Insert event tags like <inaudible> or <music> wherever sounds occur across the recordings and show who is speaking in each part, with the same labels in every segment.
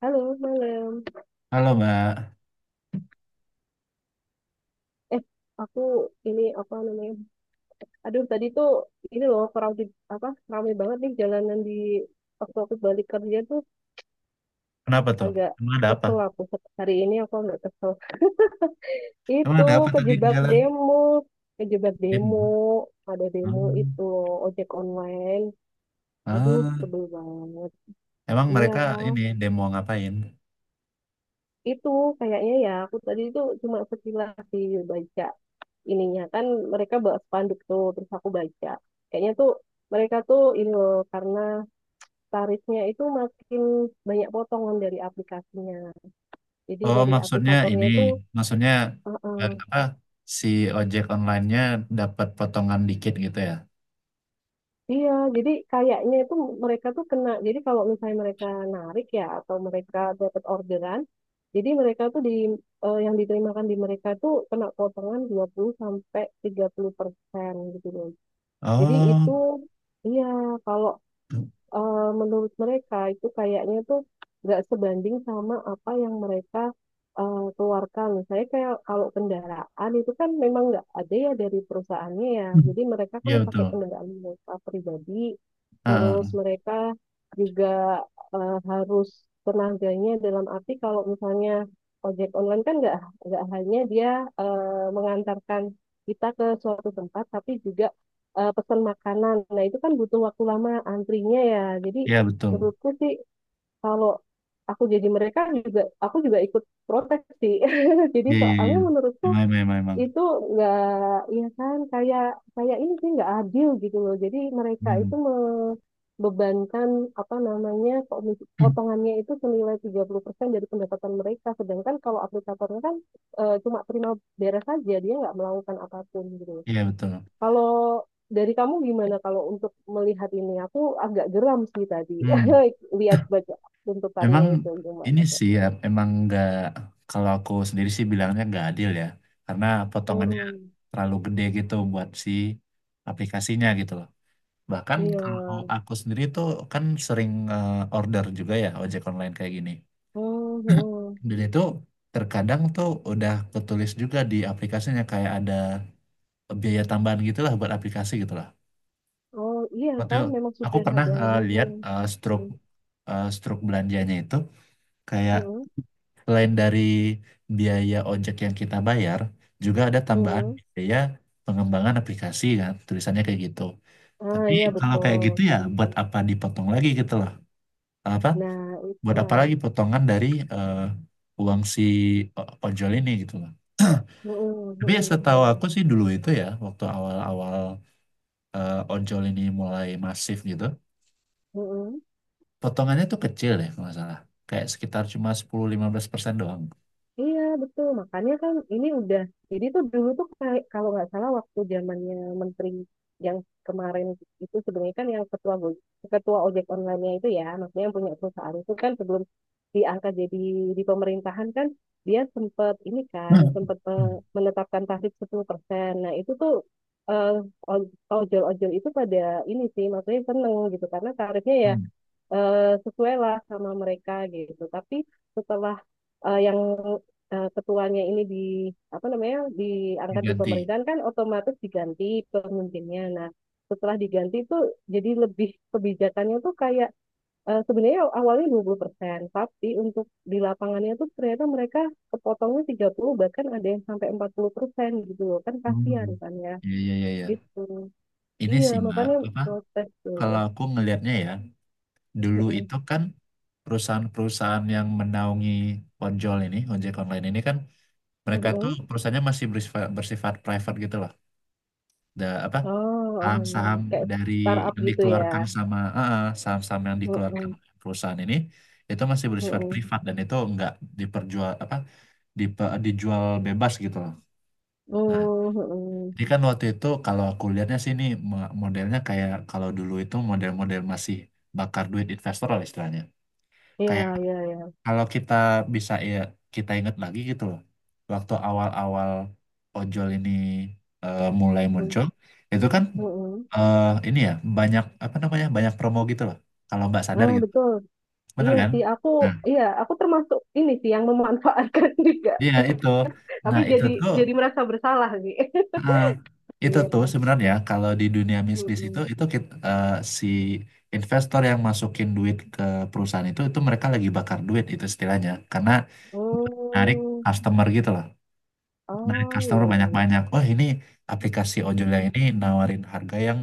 Speaker 1: Halo, malam.
Speaker 2: Halo Mbak,
Speaker 1: Eh, aku ini apa namanya? Aduh, tadi tuh ini loh crowded apa? Ramai banget nih jalanan di waktu aku balik kerja tuh
Speaker 2: Kenapa tuh?
Speaker 1: agak
Speaker 2: Emang ada apa?
Speaker 1: kesel aku, hari ini aku agak kesel.
Speaker 2: Emang
Speaker 1: Itu
Speaker 2: ada apa tadi di
Speaker 1: kejebak
Speaker 2: jalan?
Speaker 1: demo, kejebak demo,
Speaker 2: Demo.
Speaker 1: ada demo
Speaker 2: Hmm.
Speaker 1: itu loh, ojek online. Aduh,
Speaker 2: Ah,
Speaker 1: sebel banget.
Speaker 2: emang
Speaker 1: Iya.
Speaker 2: mereka ini demo ngapain?
Speaker 1: Itu kayaknya ya, aku tadi itu cuma sekilas sih baca ininya kan, mereka bawa spanduk tuh terus aku baca kayaknya tuh mereka tuh ini loh karena tarifnya itu makin banyak potongan dari aplikasinya, jadi
Speaker 2: Oh,
Speaker 1: dari
Speaker 2: maksudnya
Speaker 1: aplikatornya
Speaker 2: ini,
Speaker 1: itu.
Speaker 2: maksudnya
Speaker 1: eh, eh,
Speaker 2: apa? Si ojek online-nya dapat potongan dikit gitu ya?
Speaker 1: iya, jadi kayaknya itu mereka tuh kena. Jadi kalau misalnya mereka narik ya, atau mereka dapat orderan, jadi mereka tuh di yang diterimakan di mereka tuh kena potongan 20-30% gitu. Jadi itu,
Speaker 2: Oh,
Speaker 1: iya, kalau menurut mereka itu kayaknya tuh nggak sebanding sama apa yang mereka keluarkan. Saya kayak kalau kendaraan itu kan memang nggak ada ya dari perusahaannya ya.
Speaker 2: Hmm.
Speaker 1: Jadi mereka kan
Speaker 2: iya betul.
Speaker 1: pakai kendaraan mereka pribadi,
Speaker 2: Ah,
Speaker 1: terus
Speaker 2: ah.
Speaker 1: mereka juga harus tenaganya. Dalam arti kalau misalnya ojek online kan nggak hanya dia mengantarkan kita ke suatu tempat, tapi juga pesan makanan. Nah, itu kan butuh waktu lama antrinya ya. Jadi
Speaker 2: iya betul.
Speaker 1: menurutku sih kalau aku jadi mereka juga, aku juga ikut protes sih. <laughs> Jadi
Speaker 2: Iya, iya, iya.
Speaker 1: soalnya menurutku
Speaker 2: Emang, emang, emang, emang.
Speaker 1: itu nggak ya, kan kayak kayak ini sih nggak adil gitu loh. Jadi mereka
Speaker 2: Hmm.
Speaker 1: itu membebankan apa namanya
Speaker 2: <clears throat>
Speaker 1: potongannya itu senilai 30% dari pendapatan mereka, sedangkan kalau aplikatornya kan cuma terima beres saja, dia nggak melakukan apapun gitu.
Speaker 2: Iya betul.
Speaker 1: Kalau dari kamu gimana kalau untuk melihat ini? Aku agak geram sih tadi
Speaker 2: Hmm.
Speaker 1: <laughs> lihat baca tuntutannya
Speaker 2: Memang
Speaker 1: itu gimana
Speaker 2: ini
Speaker 1: tuh.
Speaker 2: sih ya, emang nggak, kalau aku sendiri sih bilangnya nggak adil ya, karena potongannya
Speaker 1: Mm-mm.
Speaker 2: terlalu gede gitu buat si aplikasinya gitu loh. Bahkan
Speaker 1: Iya.
Speaker 2: kalau aku sendiri tuh kan sering order juga ya ojek online kayak gini.
Speaker 1: Mm-mm.
Speaker 2: Dan itu terkadang tuh udah ketulis juga di aplikasinya kayak ada biaya tambahan gitu lah buat aplikasi gitu lah.
Speaker 1: Oh iya,
Speaker 2: Waktu
Speaker 1: kan memang
Speaker 2: aku
Speaker 1: sudah
Speaker 2: pernah
Speaker 1: ada. Mm-mm.
Speaker 2: lihat
Speaker 1: Mm-mm.
Speaker 2: struk belanjanya itu. kayak,
Speaker 1: Mm-mm.
Speaker 2: selain dari biaya ojek yang kita bayar, juga ada tambahan
Speaker 1: Mm-mm.
Speaker 2: biaya pengembangan aplikasi kan, tulisannya kayak gitu.
Speaker 1: Ah
Speaker 2: Tapi
Speaker 1: iya
Speaker 2: kalau kayak
Speaker 1: betul.
Speaker 2: gitu ya
Speaker 1: Mm-mm.
Speaker 2: buat apa dipotong lagi gitu loh. Apa?
Speaker 1: Nah
Speaker 2: Buat apa
Speaker 1: itulah.
Speaker 2: lagi potongan dari eh, uang si ojol ini gitu loh.
Speaker 1: Mm-mm.
Speaker 2: Tapi ya
Speaker 1: Mm-mm,
Speaker 2: setahu
Speaker 1: betul.
Speaker 2: aku sih dulu itu ya, waktu awal-awal ojol ini mulai masif gitu,
Speaker 1: Mm-mm.
Speaker 2: potongannya tuh kecil deh kalau nggak salah. Kayak sekitar cuma 10-15% doang.
Speaker 1: Iya, betul. Makanya kan ini udah, jadi tuh dulu tuh kayak, kalau nggak salah waktu zamannya menteri yang kemarin, itu sebenarnya kan yang ketua ojek online-nya itu ya, maksudnya yang punya perusahaan itu kan sebelum diangkat jadi di pemerintahan kan dia sempat ini kan
Speaker 2: Hmm.
Speaker 1: sempat
Speaker 2: Hmm.
Speaker 1: menetapkan tarif 10%. Nah, itu tuh eh, oj- ojol-ojol itu pada ini sih maksudnya seneng gitu karena tarifnya ya
Speaker 2: Hmm.
Speaker 1: eh sesuai lah sama mereka gitu. Tapi setelah yang ketuanya ini di apa namanya diangkat di
Speaker 2: Diganti.
Speaker 1: pemerintahan kan otomatis diganti pemimpinnya. Nah, setelah diganti itu jadi lebih kebijakannya tuh kayak sebenarnya awalnya 20%, tapi untuk di lapangannya tuh ternyata mereka kepotongnya 30, bahkan ada yang sampai 40% gitu loh. Kan
Speaker 2: Hmm.
Speaker 1: kasihan kan ya.
Speaker 2: Iya, iya, iya, iya.
Speaker 1: Gitu.
Speaker 2: Ini
Speaker 1: Iya,
Speaker 2: sih, Mbak,
Speaker 1: makanya
Speaker 2: apa?
Speaker 1: protes tuh.
Speaker 2: Kalau aku ngelihatnya ya, dulu
Speaker 1: Mm-mm.
Speaker 2: itu kan perusahaan-perusahaan yang menaungi ojol ini, ojek online ini kan, mereka tuh
Speaker 1: Mm-mm.
Speaker 2: perusahaannya masih bersifat private gitu loh. Da, apa?
Speaker 1: Oh, oh iya.
Speaker 2: Saham-saham
Speaker 1: Kayak
Speaker 2: dari
Speaker 1: startup
Speaker 2: yang
Speaker 1: gitu ya.
Speaker 2: dikeluarkan sama, saham-saham yang dikeluarkan
Speaker 1: Mm-mm,
Speaker 2: oleh perusahaan ini, itu masih bersifat
Speaker 1: mm-mm.
Speaker 2: privat dan itu nggak diperjual, apa? Dijual bebas gitu loh.
Speaker 1: Mm,
Speaker 2: Nah,
Speaker 1: mm-mm.
Speaker 2: ini kan waktu itu kalau aku lihatnya sih ini modelnya kayak kalau dulu itu model-model masih bakar duit investor lah istilahnya.
Speaker 1: Iya,
Speaker 2: Kayak
Speaker 1: iya, iya.
Speaker 2: kalau kita bisa ya, kita ingat lagi gitu loh. Waktu awal-awal ojol ini mulai
Speaker 1: Mm,
Speaker 2: muncul, itu kan
Speaker 1: mm-mm.
Speaker 2: eh, ini ya banyak apa namanya banyak promo gitu loh. Kalau Mbak sadar
Speaker 1: Ah,
Speaker 2: gitu,
Speaker 1: betul.
Speaker 2: bener
Speaker 1: Iya
Speaker 2: kan?
Speaker 1: sih, aku,
Speaker 2: Nah,
Speaker 1: iya, aku termasuk ini sih yang memanfaatkan <laughs> juga.
Speaker 2: iya itu.
Speaker 1: Tapi
Speaker 2: Nah itu
Speaker 1: jadi
Speaker 2: tuh
Speaker 1: jadi merasa bersalah sih.
Speaker 2: eh,
Speaker 1: <laughs> Iya.
Speaker 2: sebenarnya kalau di dunia bisnis itu
Speaker 1: Mm-mm.
Speaker 2: itu kit- eh, si investor yang masukin duit ke perusahaan itu mereka lagi bakar duit itu istilahnya karena narik
Speaker 1: Mm.
Speaker 2: customer gitu loh, narik
Speaker 1: Oh,
Speaker 2: customer
Speaker 1: iya, iya. Iya.
Speaker 2: banyak-banyak. Oh, ini aplikasi ojol yang
Speaker 1: Mm.
Speaker 2: ini nawarin harga yang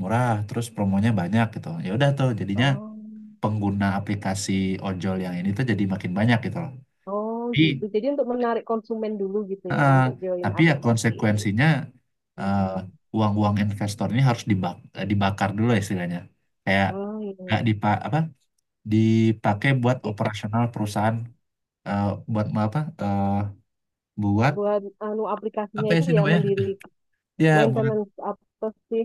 Speaker 2: murah terus promonya banyak gitu, ya udah tuh jadinya
Speaker 1: Oh.
Speaker 2: pengguna aplikasi ojol yang ini tuh jadi makin banyak gitu loh.
Speaker 1: Oh, gitu. Jadi untuk menarik konsumen dulu gitu ya
Speaker 2: Eh,
Speaker 1: untuk join
Speaker 2: tapi ya
Speaker 1: aplikasi.
Speaker 2: konsekuensinya eh,
Speaker 1: Mm-mm.
Speaker 2: uang-uang investor ini harus dibakar dulu ya istilahnya. Kayak nggak
Speaker 1: Oh,
Speaker 2: apa, dipakai buat
Speaker 1: iya.
Speaker 2: operasional perusahaan, eh, buat mau apa, buat
Speaker 1: Buat anu
Speaker 2: apa
Speaker 1: aplikasinya
Speaker 2: ya
Speaker 1: itu
Speaker 2: sih
Speaker 1: ya
Speaker 2: namanya?
Speaker 1: mendiri
Speaker 2: <laughs> Ya buat
Speaker 1: maintenance apa sih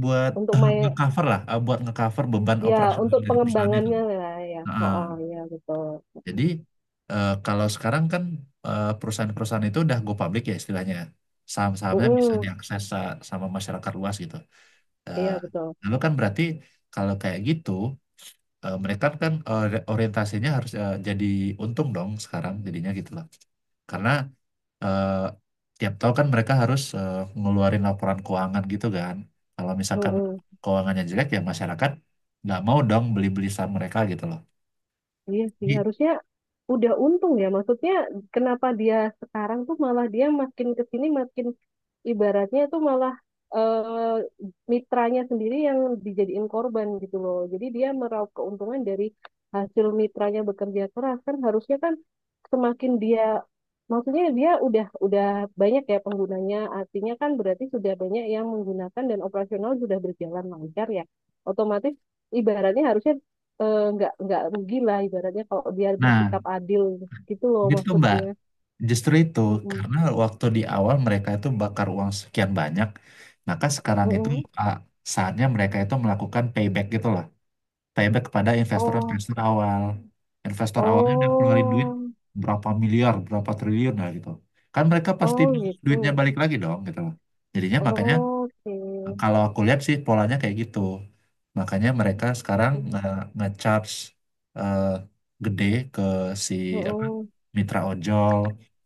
Speaker 2: buat
Speaker 1: untuk
Speaker 2: eh,
Speaker 1: main,
Speaker 2: ngecover lah, buat ngecover beban
Speaker 1: ya
Speaker 2: operasional
Speaker 1: untuk
Speaker 2: dari perusahaan itu.
Speaker 1: pengembangannya lah ya. Oh,
Speaker 2: Heeh.
Speaker 1: oh ya betul.
Speaker 2: Jadi
Speaker 1: Mm.
Speaker 2: kalau sekarang kan perusahaan-perusahaan itu udah go public ya istilahnya. Saham-sahamnya bisa
Speaker 1: Mm-mm.
Speaker 2: diakses sama masyarakat luas gitu. Eh,
Speaker 1: Iya betul.
Speaker 2: lalu kan berarti kalau kayak gitu mereka kan orientasinya harus jadi untung dong sekarang jadinya gitu loh. Karena eh, tiap tahun kan mereka harus ngeluarin laporan keuangan gitu kan. Kalau misalkan
Speaker 1: Mm-mm.
Speaker 2: keuangannya jelek ya masyarakat nggak mau dong beli-beli saham mereka gitu loh.
Speaker 1: Iya sih
Speaker 2: Jadi-
Speaker 1: harusnya udah untung ya, maksudnya kenapa dia sekarang tuh malah dia makin kesini makin ibaratnya itu malah eh, mitranya sendiri yang dijadiin korban gitu loh. Jadi dia meraup keuntungan dari hasil mitranya bekerja keras, kan harusnya kan semakin dia, maksudnya dia udah banyak ya penggunanya, artinya kan berarti sudah banyak yang menggunakan dan operasional sudah berjalan lancar ya. Otomatis ibaratnya harusnya nggak rugi lah ibaratnya kalau dia
Speaker 2: Nah,
Speaker 1: bersikap adil gitu loh
Speaker 2: gitu Mbak.
Speaker 1: maksudnya.
Speaker 2: Justru itu,
Speaker 1: Mm-mm.
Speaker 2: karena waktu di awal mereka itu bakar uang sekian banyak, maka sekarang itu
Speaker 1: Mm-mm.
Speaker 2: ah, saatnya mereka itu melakukan payback gitu loh. Payback kepada
Speaker 1: Oh,
Speaker 2: investor-investor awal. Investor awalnya udah keluarin duit
Speaker 1: oh.
Speaker 2: berapa miliar, berapa triliun lah gitu. Kan mereka pasti
Speaker 1: Oh gitu.
Speaker 2: duitnya balik lagi dong gitu loh. Jadinya makanya
Speaker 1: Oke.
Speaker 2: kalau aku lihat sih polanya kayak gitu. Makanya mereka sekarang nge
Speaker 1: Hmm.
Speaker 2: nge-charge eh, gede ke si apa
Speaker 1: Oh,
Speaker 2: mitra ojol,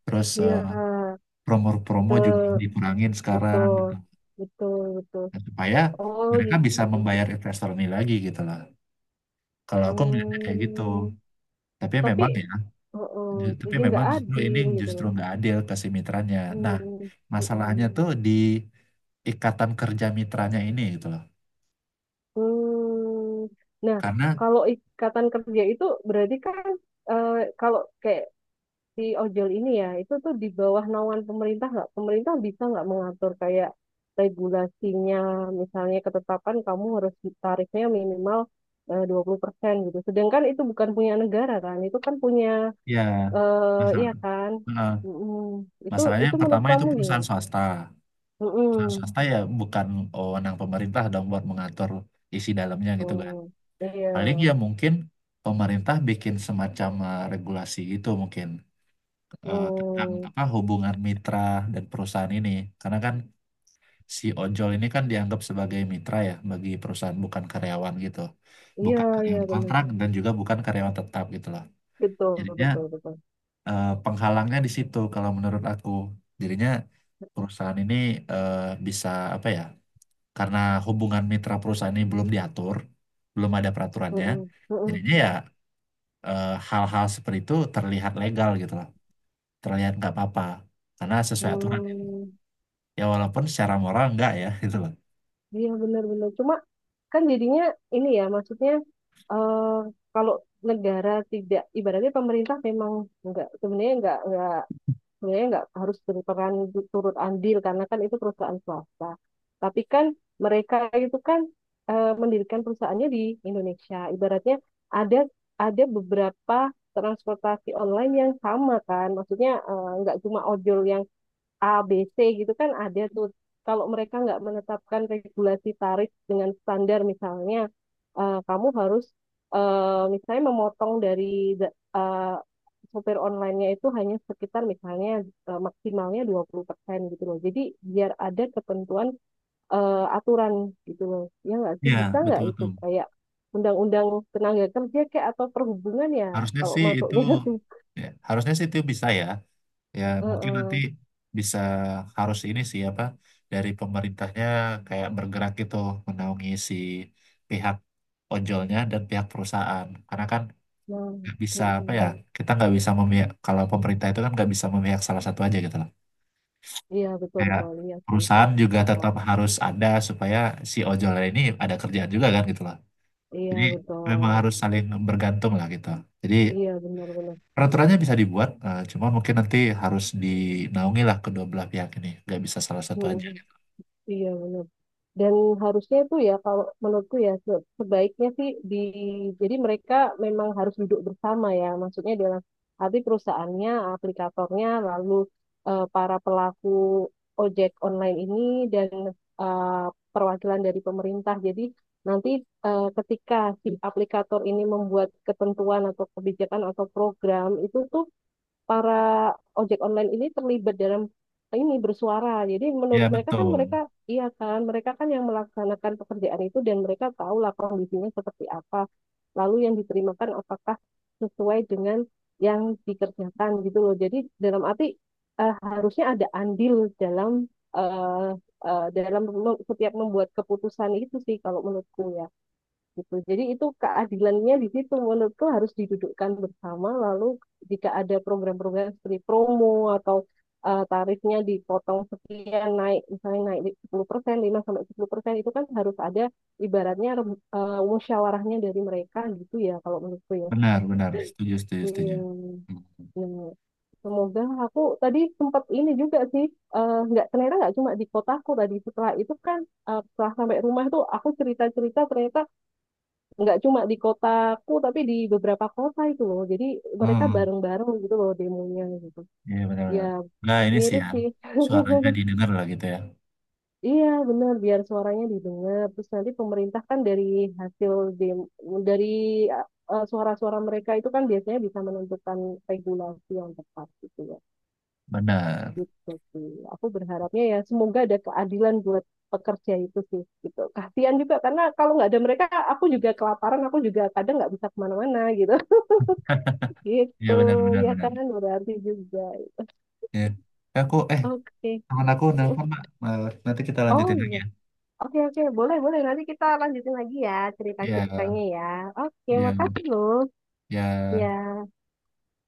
Speaker 2: terus
Speaker 1: iya.
Speaker 2: promo-promo
Speaker 1: Ke
Speaker 2: juga dikurangin sekarang gitu.
Speaker 1: betul. Betul, betul.
Speaker 2: Nah, supaya
Speaker 1: Oh,
Speaker 2: mereka bisa membayar investor ini lagi gitu lah. Kalau aku melihatnya kayak gitu.
Speaker 1: hmm.
Speaker 2: Tapi
Speaker 1: Tapi
Speaker 2: memang ya,
Speaker 1: oh, oh,
Speaker 2: tapi
Speaker 1: jadi nggak
Speaker 2: memang justru ini
Speaker 1: adil gitu
Speaker 2: justru
Speaker 1: loh.
Speaker 2: nggak adil kasih mitranya. Nah,
Speaker 1: Hmm.
Speaker 2: masalahnya
Speaker 1: Hmm.
Speaker 2: tuh di ikatan kerja mitranya ini gitu loh.
Speaker 1: Hmm. Nah,
Speaker 2: Karena
Speaker 1: kalau ikatan kerja itu berarti kan eh, kalau kayak si ojol ini ya itu tuh di bawah naungan pemerintah, nggak, pemerintah bisa nggak mengatur kayak regulasinya, misalnya ketetapan kamu harus tarifnya minimal 20% gitu, sedangkan itu bukan punya negara kan, itu kan punya
Speaker 2: ya
Speaker 1: iya
Speaker 2: masalah,
Speaker 1: kan.
Speaker 2: eh,
Speaker 1: Mm-mm. itu
Speaker 2: masalahnya
Speaker 1: itu
Speaker 2: yang
Speaker 1: menurut
Speaker 2: pertama itu
Speaker 1: kamu
Speaker 2: perusahaan
Speaker 1: gimana.
Speaker 2: swasta. Perusahaan
Speaker 1: Mm-mm.
Speaker 2: swasta ya bukan wewenang pemerintah dong buat mengatur isi dalamnya gitu kan.
Speaker 1: Mm. Iya.
Speaker 2: Paling ya mungkin pemerintah bikin semacam regulasi gitu, mungkin tentang
Speaker 1: Mm.
Speaker 2: apa hubungan mitra dan perusahaan ini. Karena kan si ojol ini kan dianggap sebagai mitra ya bagi perusahaan, bukan karyawan gitu.
Speaker 1: Iya,
Speaker 2: Bukan
Speaker 1: iya
Speaker 2: karyawan
Speaker 1: benar,
Speaker 2: kontrak dan juga bukan karyawan tetap gitu loh.
Speaker 1: betul
Speaker 2: Jadinya
Speaker 1: betul betul.
Speaker 2: penghalangnya di situ kalau menurut aku. Jadinya perusahaan ini eh, bisa, apa ya? Karena hubungan mitra perusahaan ini belum diatur, belum ada peraturannya.
Speaker 1: Mm-mm. Mm-mm.
Speaker 2: Jadinya ya hal-hal seperti itu terlihat legal gitu loh. Terlihat nggak apa-apa karena sesuai aturan.
Speaker 1: Hmm,
Speaker 2: Ya walaupun secara moral nggak ya <laughs> gitu loh.
Speaker 1: iya benar-benar. Cuma kan jadinya ini ya maksudnya eh, kalau negara tidak, ibaratnya pemerintah memang nggak, sebenarnya nggak sebenarnya nggak harus berperan turut andil karena kan itu perusahaan swasta, tapi kan mereka itu kan mendirikan perusahaannya di Indonesia. Ibaratnya ada ada beberapa transportasi online yang sama kan, maksudnya nggak cuma ojol yang A, B, C gitu kan ada tuh. Kalau mereka nggak menetapkan regulasi tarif dengan standar, misalnya, kamu harus misalnya memotong dari eh, sopir online-nya itu hanya sekitar misalnya maksimalnya 20% gitu loh. Jadi biar ada ketentuan, aturan gitu loh. Ya nggak sih bisa
Speaker 2: Iya,
Speaker 1: nggak itu
Speaker 2: betul-betul.
Speaker 1: kayak undang-undang tenaga kerja kayak, atau perhubungan ya
Speaker 2: Harusnya
Speaker 1: kalau
Speaker 2: sih itu
Speaker 1: masuknya <laughs> tuh.
Speaker 2: ya, harusnya sih itu bisa ya. Ya
Speaker 1: Eh,
Speaker 2: mungkin nanti
Speaker 1: eh.
Speaker 2: bisa, harus ini sih apa, dari pemerintahnya kayak bergerak gitu menaungi si pihak ojolnya dan pihak perusahaan. Karena kan
Speaker 1: Nah,
Speaker 2: nggak bisa apa ya,
Speaker 1: mm-mm.
Speaker 2: kita nggak bisa memihak, kalau pemerintah itu kan nggak bisa memihak salah satu aja gitu loh.
Speaker 1: Iya betul
Speaker 2: Kayak
Speaker 1: betul, iya sih.
Speaker 2: perusahaan juga
Speaker 1: Heeh.
Speaker 2: tetap harus ada supaya si ojolnya ini ada kerjaan juga kan gitu loh.
Speaker 1: Iya
Speaker 2: Jadi memang
Speaker 1: betul,
Speaker 2: harus saling bergantung lah gitu. Jadi
Speaker 1: iya benar-benar,
Speaker 2: peraturannya bisa dibuat, cuma mungkin nanti harus dinaungi lah kedua belah pihak ini. Nggak bisa salah satu aja.
Speaker 1: mhm. Iya benar. Dan harusnya itu ya kalau menurutku ya sebaiknya sih di, jadi mereka memang harus duduk bersama ya, maksudnya dalam arti perusahaannya, aplikatornya, lalu para pelaku ojek online ini dan eh, perwakilan dari pemerintah. Jadi nanti ketika si aplikator ini membuat ketentuan atau kebijakan atau program itu tuh, para ojek online ini terlibat dalam ini bersuara. Jadi
Speaker 2: Ya,
Speaker 1: menurut mereka kan,
Speaker 2: betul.
Speaker 1: mereka iya kan, mereka kan yang melaksanakan pekerjaan itu dan mereka tahulah kondisinya seperti apa. Lalu yang diterimakan apakah sesuai dengan yang dikerjakan gitu loh. Jadi dalam arti harusnya ada andil dalam eh, dalam setiap membuat keputusan itu sih kalau menurutku ya gitu. Jadi itu keadilannya di situ menurutku harus didudukkan bersama, lalu jika ada program-program seperti promo atau tarifnya dipotong sekian, naik misalnya naik 10%, 5-10%, itu kan harus ada ibaratnya musyawarahnya dari mereka gitu ya kalau menurutku ya.
Speaker 2: Benar, benar. Setuju, setuju, setuju.
Speaker 1: Iya.
Speaker 2: Hmm,
Speaker 1: Ya, semoga. Aku tadi sempat ini juga sih nggak, ternyata nggak cuma di kotaku. Tadi setelah itu kan setelah sampai rumah tuh aku cerita-cerita, ternyata nggak cuma di kotaku tapi di beberapa kota itu loh. Jadi mereka
Speaker 2: hmm,
Speaker 1: bareng-bareng gitu loh demonya gitu
Speaker 2: iya benar,
Speaker 1: ya,
Speaker 2: benar. Nah, ini sih
Speaker 1: mirip
Speaker 2: ya.
Speaker 1: sih.
Speaker 2: Suaranya didengar lah gitu ya.
Speaker 1: Iya benar, biar suaranya didengar, terus nanti pemerintah kan dari hasil dem dari suara-suara mereka itu kan biasanya bisa menentukan regulasi yang tepat gitu ya.
Speaker 2: Benar.
Speaker 1: Gitu sih, aku berharapnya ya semoga ada keadilan buat pekerja itu sih gitu, kasihan juga karena kalau nggak ada mereka aku juga kelaparan, aku juga kadang nggak bisa kemana-mana gitu.
Speaker 2: Iya,
Speaker 1: Gitu,
Speaker 2: benar, benar,
Speaker 1: ya
Speaker 2: benar.
Speaker 1: kan berarti juga.
Speaker 2: Ya. Aku, eh,
Speaker 1: Oke.
Speaker 2: teman aku nelfon, Mbak. Nanti kita
Speaker 1: Oh
Speaker 2: lanjutin lagi
Speaker 1: iya.
Speaker 2: ya.
Speaker 1: Oke, oke. Boleh, boleh. Nanti kita lanjutin lagi ya
Speaker 2: Ya,
Speaker 1: cerita-ceritanya ya. Oke,
Speaker 2: ya,
Speaker 1: makasih loh. Ya.
Speaker 2: ya.